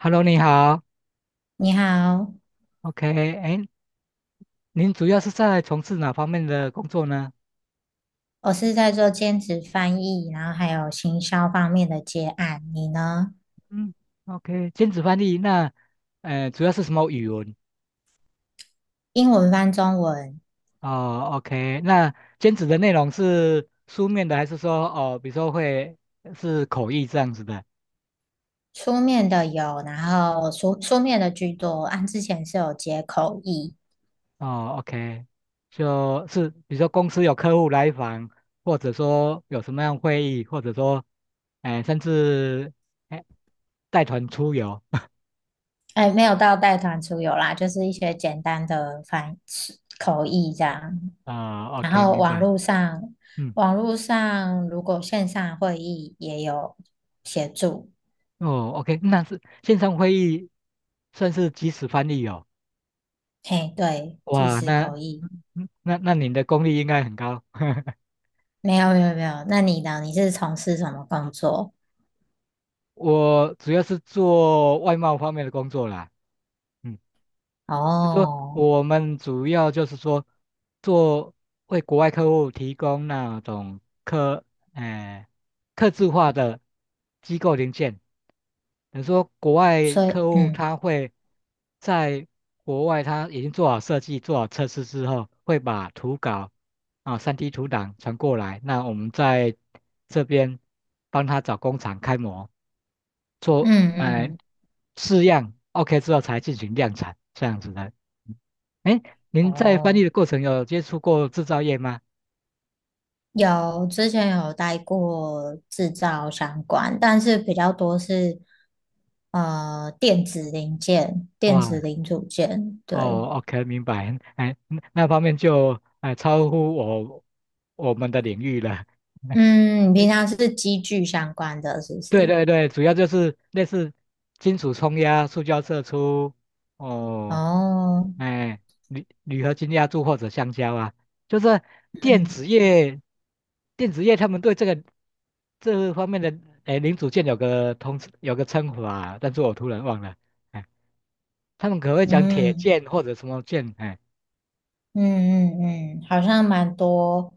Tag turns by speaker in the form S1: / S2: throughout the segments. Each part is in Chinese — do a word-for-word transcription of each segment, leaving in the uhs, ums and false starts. S1: Hello，你好
S2: 你好。
S1: ，OK，哎，您主要是在从事哪方面的工作呢？
S2: 我是在做兼职翻译，然后还有行销方面的接案。你呢？
S1: 嗯，OK，兼职翻译，那，呃，主要是什么语文？
S2: 英文翻中文。
S1: 哦，OK，那兼职的内容是书面的，还是说，哦，比如说会是口译这样子的？
S2: 书面的有，然后书书面的居多。按之前是有接口译。
S1: 哦，OK，就是比如说公司有客户来访，或者说有什么样会议，或者说，哎、甚至哎带团出游。
S2: 哎，没有到带团出游啦，就是一些简单的翻口译这样。
S1: 啊、o
S2: 然
S1: k
S2: 后
S1: 明
S2: 网
S1: 白。
S2: 络上，
S1: 嗯。
S2: 网络上如果线上会议也有协助。
S1: 哦，OK，那是线上会议算是即时翻译哦。
S2: 嘿，对，即
S1: 哇，
S2: 时
S1: 那
S2: 口译。
S1: 嗯那那你的功力应该很高。
S2: 没有没有没有。那你呢？你是从事什么工作？
S1: 我主要是做外贸方面的工作啦，嗯，就说
S2: 哦，
S1: 我们主要就是说做为国外客户提供那种客，呃，客制化的机构零件，比如说国外
S2: 所
S1: 客
S2: 以
S1: 户
S2: 嗯
S1: 他会在国外他已经做好设计、做好测试之后，会把图稿啊、三 d 图档传过来，那我们在这边帮他找工厂开模，做
S2: 嗯
S1: 哎，
S2: 嗯，
S1: 试样，OK 之后才进行量产这样子的。哎，您在翻译
S2: 哦，
S1: 的过程有接触过制造业吗？
S2: 有之前有待过制造相关，但是比较多是呃电子零件、电
S1: 哇，
S2: 子零组件。对。
S1: 哦，OK，明白。哎，那那方面就哎超乎我我们的领域了。
S2: 嗯，你平常是机具相关的，是不
S1: 对
S2: 是？
S1: 对对，主要就是类似金属冲压、塑胶射出，哦，
S2: 哦，
S1: 哎，铝铝合金压铸或者橡胶啊，就是电
S2: 嗯
S1: 子业，电子业他们对这个这方面的哎零组件有个通有个称呼啊，但是我突然忘了，哎，他们可会讲铁
S2: 嗯。
S1: 件或者什么件，哎
S2: 嗯嗯嗯，好像蛮多。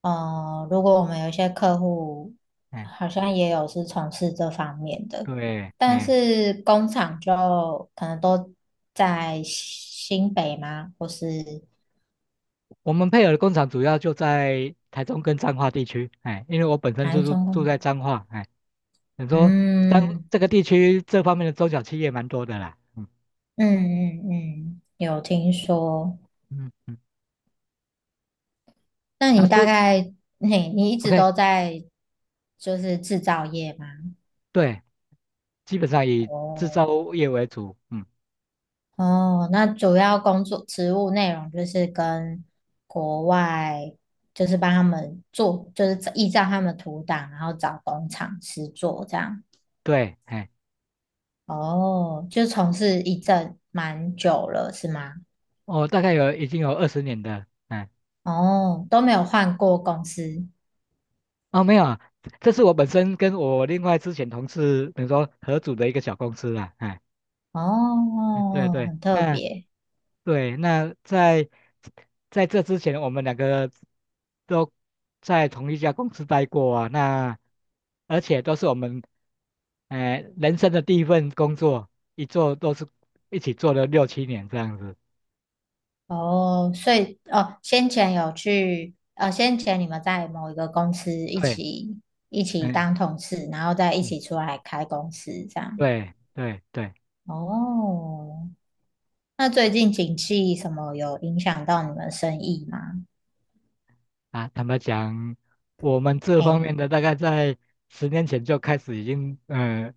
S2: 呃，如果我们有一些客户，
S1: 哎，
S2: 好像也有是从事这方面的，
S1: 对，
S2: 但
S1: 哎，
S2: 是工厂就可能都在新北吗？或是
S1: 我们配合的工厂主要就在台中跟彰化地区，哎，因为我本身就
S2: 台
S1: 是
S2: 中
S1: 住
S2: 工？
S1: 在彰化，哎。你说当
S2: 嗯
S1: 这个地区这方面的中小企业蛮多的啦，嗯
S2: 嗯嗯嗯，有听说。
S1: 嗯嗯，
S2: 那
S1: 那
S2: 你大
S1: 说
S2: 概你你一直
S1: OK，
S2: 都在就是制造业吗？
S1: 对，基本上以制
S2: 哦。
S1: 造业为主，嗯，
S2: 哦，那主要工作职务内容就是跟国外，就是帮他们做，就是依照他们图档，然后找工厂师做这样。
S1: 对，哎，
S2: 哦，就从事一阵蛮久了，是吗？
S1: 我大概有已经有二十年的，哎，
S2: 哦，都没有换过公司。
S1: 哦，没有啊，这是我本身跟我另外之前同事，等于说合组的一个小公司啦，哎，对
S2: 哦，
S1: 对，
S2: 很特
S1: 那
S2: 别。
S1: 对，那在在这之前，我们两个都在同一家公司待过啊。那而且都是我们，哎、人生的第一份工作，一做都是一起做了六七年这样子。
S2: 哦，所以哦，先前有去，呃，先前你们在某一个公司一
S1: 对，
S2: 起一起
S1: 嗯
S2: 当同事，然后再一
S1: 嗯，
S2: 起出来开公司这样。
S1: 对对对
S2: 哦，那最近景气什么有影响到你们生意吗？
S1: 啊。坦白讲，我们这方
S2: 嘿。
S1: 面的大概在十年前就开始已经呃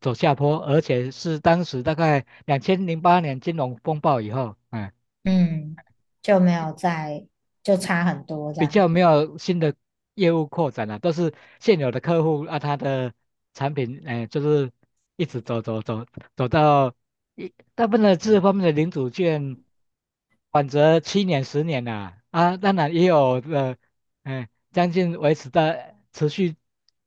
S1: 走下坡，而且是当时大概两千零八年金融风暴以后，嗯。
S2: 嗯，就没有在，就差很多这
S1: 比
S2: 样。
S1: 较没有新的业务扩展了、都是现有的客户啊，他的产品，哎，就是一直走走走走到一大部分的这方面的领主券，缓则七年十年啦、啊，啊当然也有呃，哎，将近维持的持续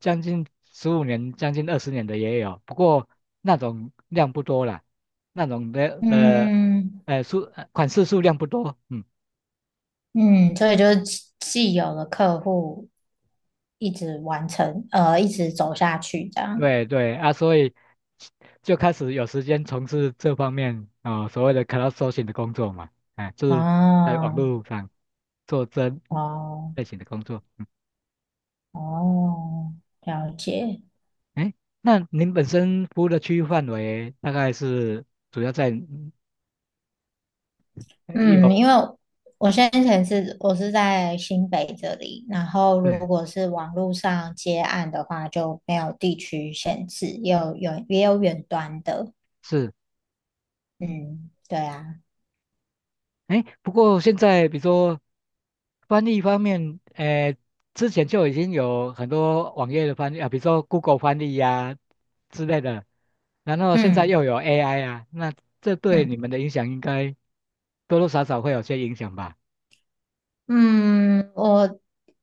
S1: 将近十五年、将近二十年的也有，不过那种量不多啦，那种的呃，
S2: 嗯
S1: 呃，数呃款式数量不多，嗯。
S2: 嗯，所以就是既既有的客户一直完成，呃，一直走下去这样。
S1: 对对啊，所以就开始有时间从事这方面啊、呃所谓的 crowdsourcing 的工作嘛，哎，就是在网
S2: 哦
S1: 络上做这
S2: 哦
S1: 类型的工作。嗯，
S2: 哦，了解。
S1: 哎，那您本身服务的区域范围大概是主要在
S2: 嗯，
S1: 有
S2: 因为我先前是我是在新北这里，然后如
S1: 对
S2: 果是网络上接案的话，就没有地区限制，也有远也有远端的。
S1: 是
S2: 嗯，对啊。
S1: 哎，不过现在比如说翻译方面，呃，之前就已经有很多网页的翻译啊，比如说 Google 翻译呀、之类的，然后现在
S2: 嗯
S1: 又有 A I 啊，那这对你
S2: 嗯
S1: 们的影响应该多多少少会有些影响吧？
S2: 嗯，我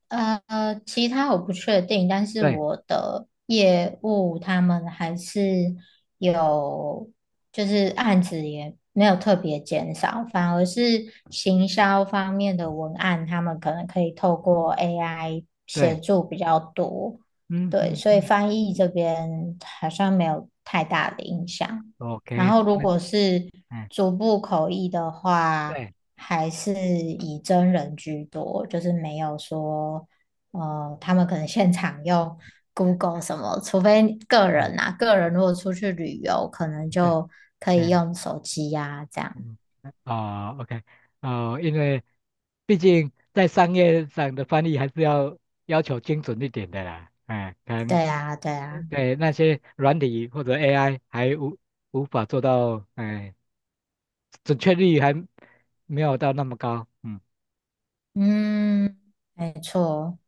S2: 呃，其他我不确定，但是
S1: 对
S2: 我的业务他们还是有，就是案子也没有特别减少，反而是行销方面的文案，他们可能可以透过 A I 协
S1: 对，
S2: 助比较多，
S1: 嗯
S2: 对，
S1: 嗯
S2: 所以
S1: 嗯
S2: 翻译这边好像没有太大的影响。然
S1: ，OK，
S2: 后如
S1: 那
S2: 果是
S1: 嗯
S2: 逐步口译的话，
S1: 对
S2: 还是以真人居多，就是没有说，呃，他们可能现场用 Google 什么，除非个
S1: 嗯
S2: 人啊，个人如果出去旅游，可能
S1: 对
S2: 就可以
S1: 嗯
S2: 用手机呀、这样。
S1: 嗯哦 OK 哦，因为毕竟在商业上的翻译还是要要求精准一点的啦，哎，可能
S2: 对啊，对啊，
S1: 对那些软体或者 A I 还无无法做到，哎，准确率还没有到那么高。嗯
S2: 嗯，没错。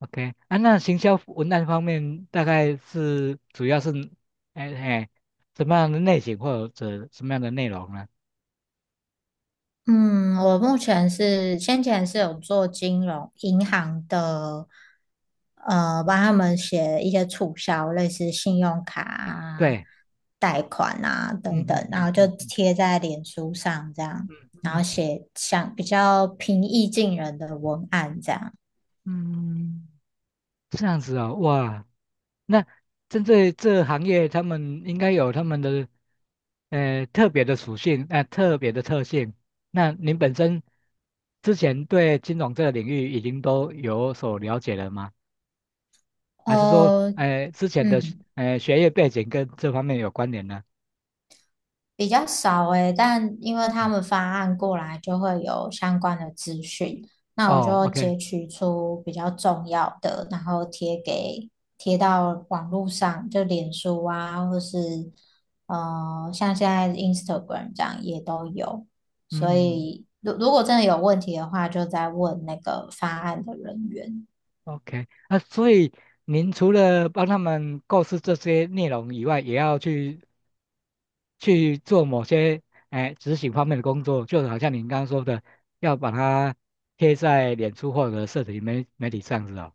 S1: ，OK 啊，那行销文案方面大概是主要是，哎哎，什么样的类型或者什么样的内容呢？
S2: 嗯，我目前是先前是有做金融银行的呃，帮他们写一些促销，类似信用卡啊、
S1: 对，
S2: 贷款啊
S1: 嗯
S2: 等等，然
S1: 嗯
S2: 后就
S1: 嗯嗯
S2: 贴在脸书上这样，然后
S1: 嗯
S2: 写像比较平易近人的文案这样。
S1: 嗯嗯。这样子哦，哇，那针对这行业，他们应该有他们的呃特别的属性，呃特别的特性。那您本身之前对金融这个领域已经都有所了解了吗？还是说，
S2: 哦，
S1: 呃之前的
S2: 嗯。
S1: 呃学业背景跟这方面有关联呢？
S2: 比较少诶，但因为他
S1: 嗯
S2: 们发案过来就会有相关的资讯，那我
S1: 哦
S2: 就
S1: ，OK，
S2: 截取出比较重要的，然后贴给贴到网络上，就脸书啊，或是呃，像现在 Instagram 这样也都有。所
S1: 嗯
S2: 以，如如果真的有问题的话，就再问那个发案的人员。
S1: ，OK，那所以您除了帮他们构思这些内容以外，也要去去做某些哎执行方面的工作，就好像您刚刚说的，要把它贴在脸书或者社群媒媒体上是哦。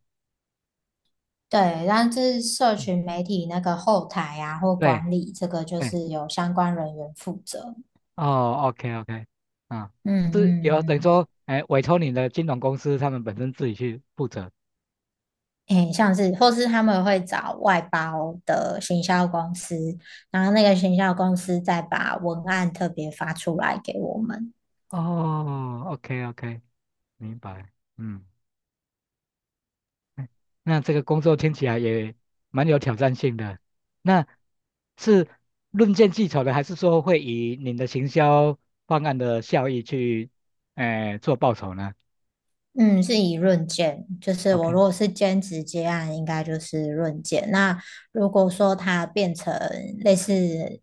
S2: 对，但是社
S1: 嗯
S2: 群媒体那个后台啊或
S1: 对
S2: 管理，这个就
S1: 对，
S2: 是由相关人员负责。
S1: 哦，OK OK，啊，
S2: 嗯
S1: 是有等于
S2: 嗯
S1: 说，哎，委托你的金融公司，他们本身自己去负责。
S2: 嗯，诶，像是或是他们会找外包的行销公司，然后那个行销公司再把文案特别发出来给我们。
S1: 哦，OK OK，明白，嗯。嗯那这个工作听起来也蛮有挑战性的。那是论件计酬的，还是说会以您的行销方案的效益去，呃，做报酬呢
S2: 嗯，是以论件，就是我
S1: ？OK，
S2: 如果是兼职接案，应该就是论件。那如果说它变成类似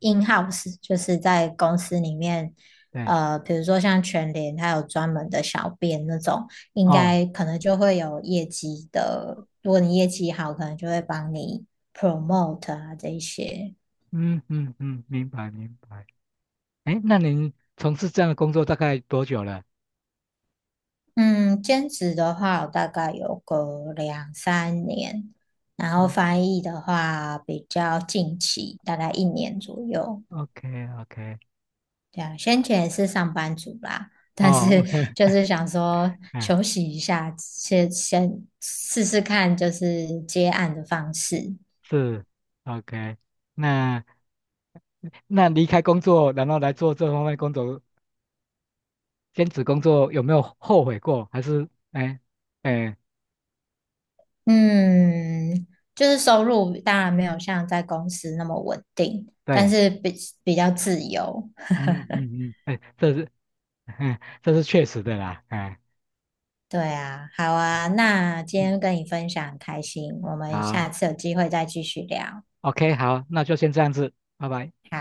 S2: in house，就是在公司里面，
S1: 对，
S2: 呃，比如说像全联，它有专门的小编那种，应
S1: 哦，
S2: 该可能就会有业绩的。如果你业绩好，可能就会帮你 promote 啊这一些。
S1: 嗯嗯嗯，明白明白。哎，那您从事这样的工作大概多久了？
S2: 嗯，兼职的话，我大概有个两三年，然后
S1: 啊
S2: 翻译的话比较近期，大概一年左右。
S1: ，OK OK，
S2: 对啊，先前也是上班族啦，但
S1: 哦
S2: 是
S1: ，OK，
S2: 就是想 说
S1: 哎，
S2: 休息一下，先先试试看，就是接案的方式。
S1: 是，OK。那那离开工作，然后来做这方面工作，兼职工作有没有后悔过？还是哎哎
S2: 嗯，就是收入当然没有像在公司那么稳定，但
S1: 对，
S2: 是比比较自由。
S1: 嗯嗯嗯，哎，这是 这是确实的啦，哎
S2: 对啊，好啊，那今
S1: 嗯，
S2: 天跟你分享很开心，我们
S1: 好
S2: 下次有机会再继续聊。
S1: ，OK，好，那就先这样子，拜拜。
S2: 好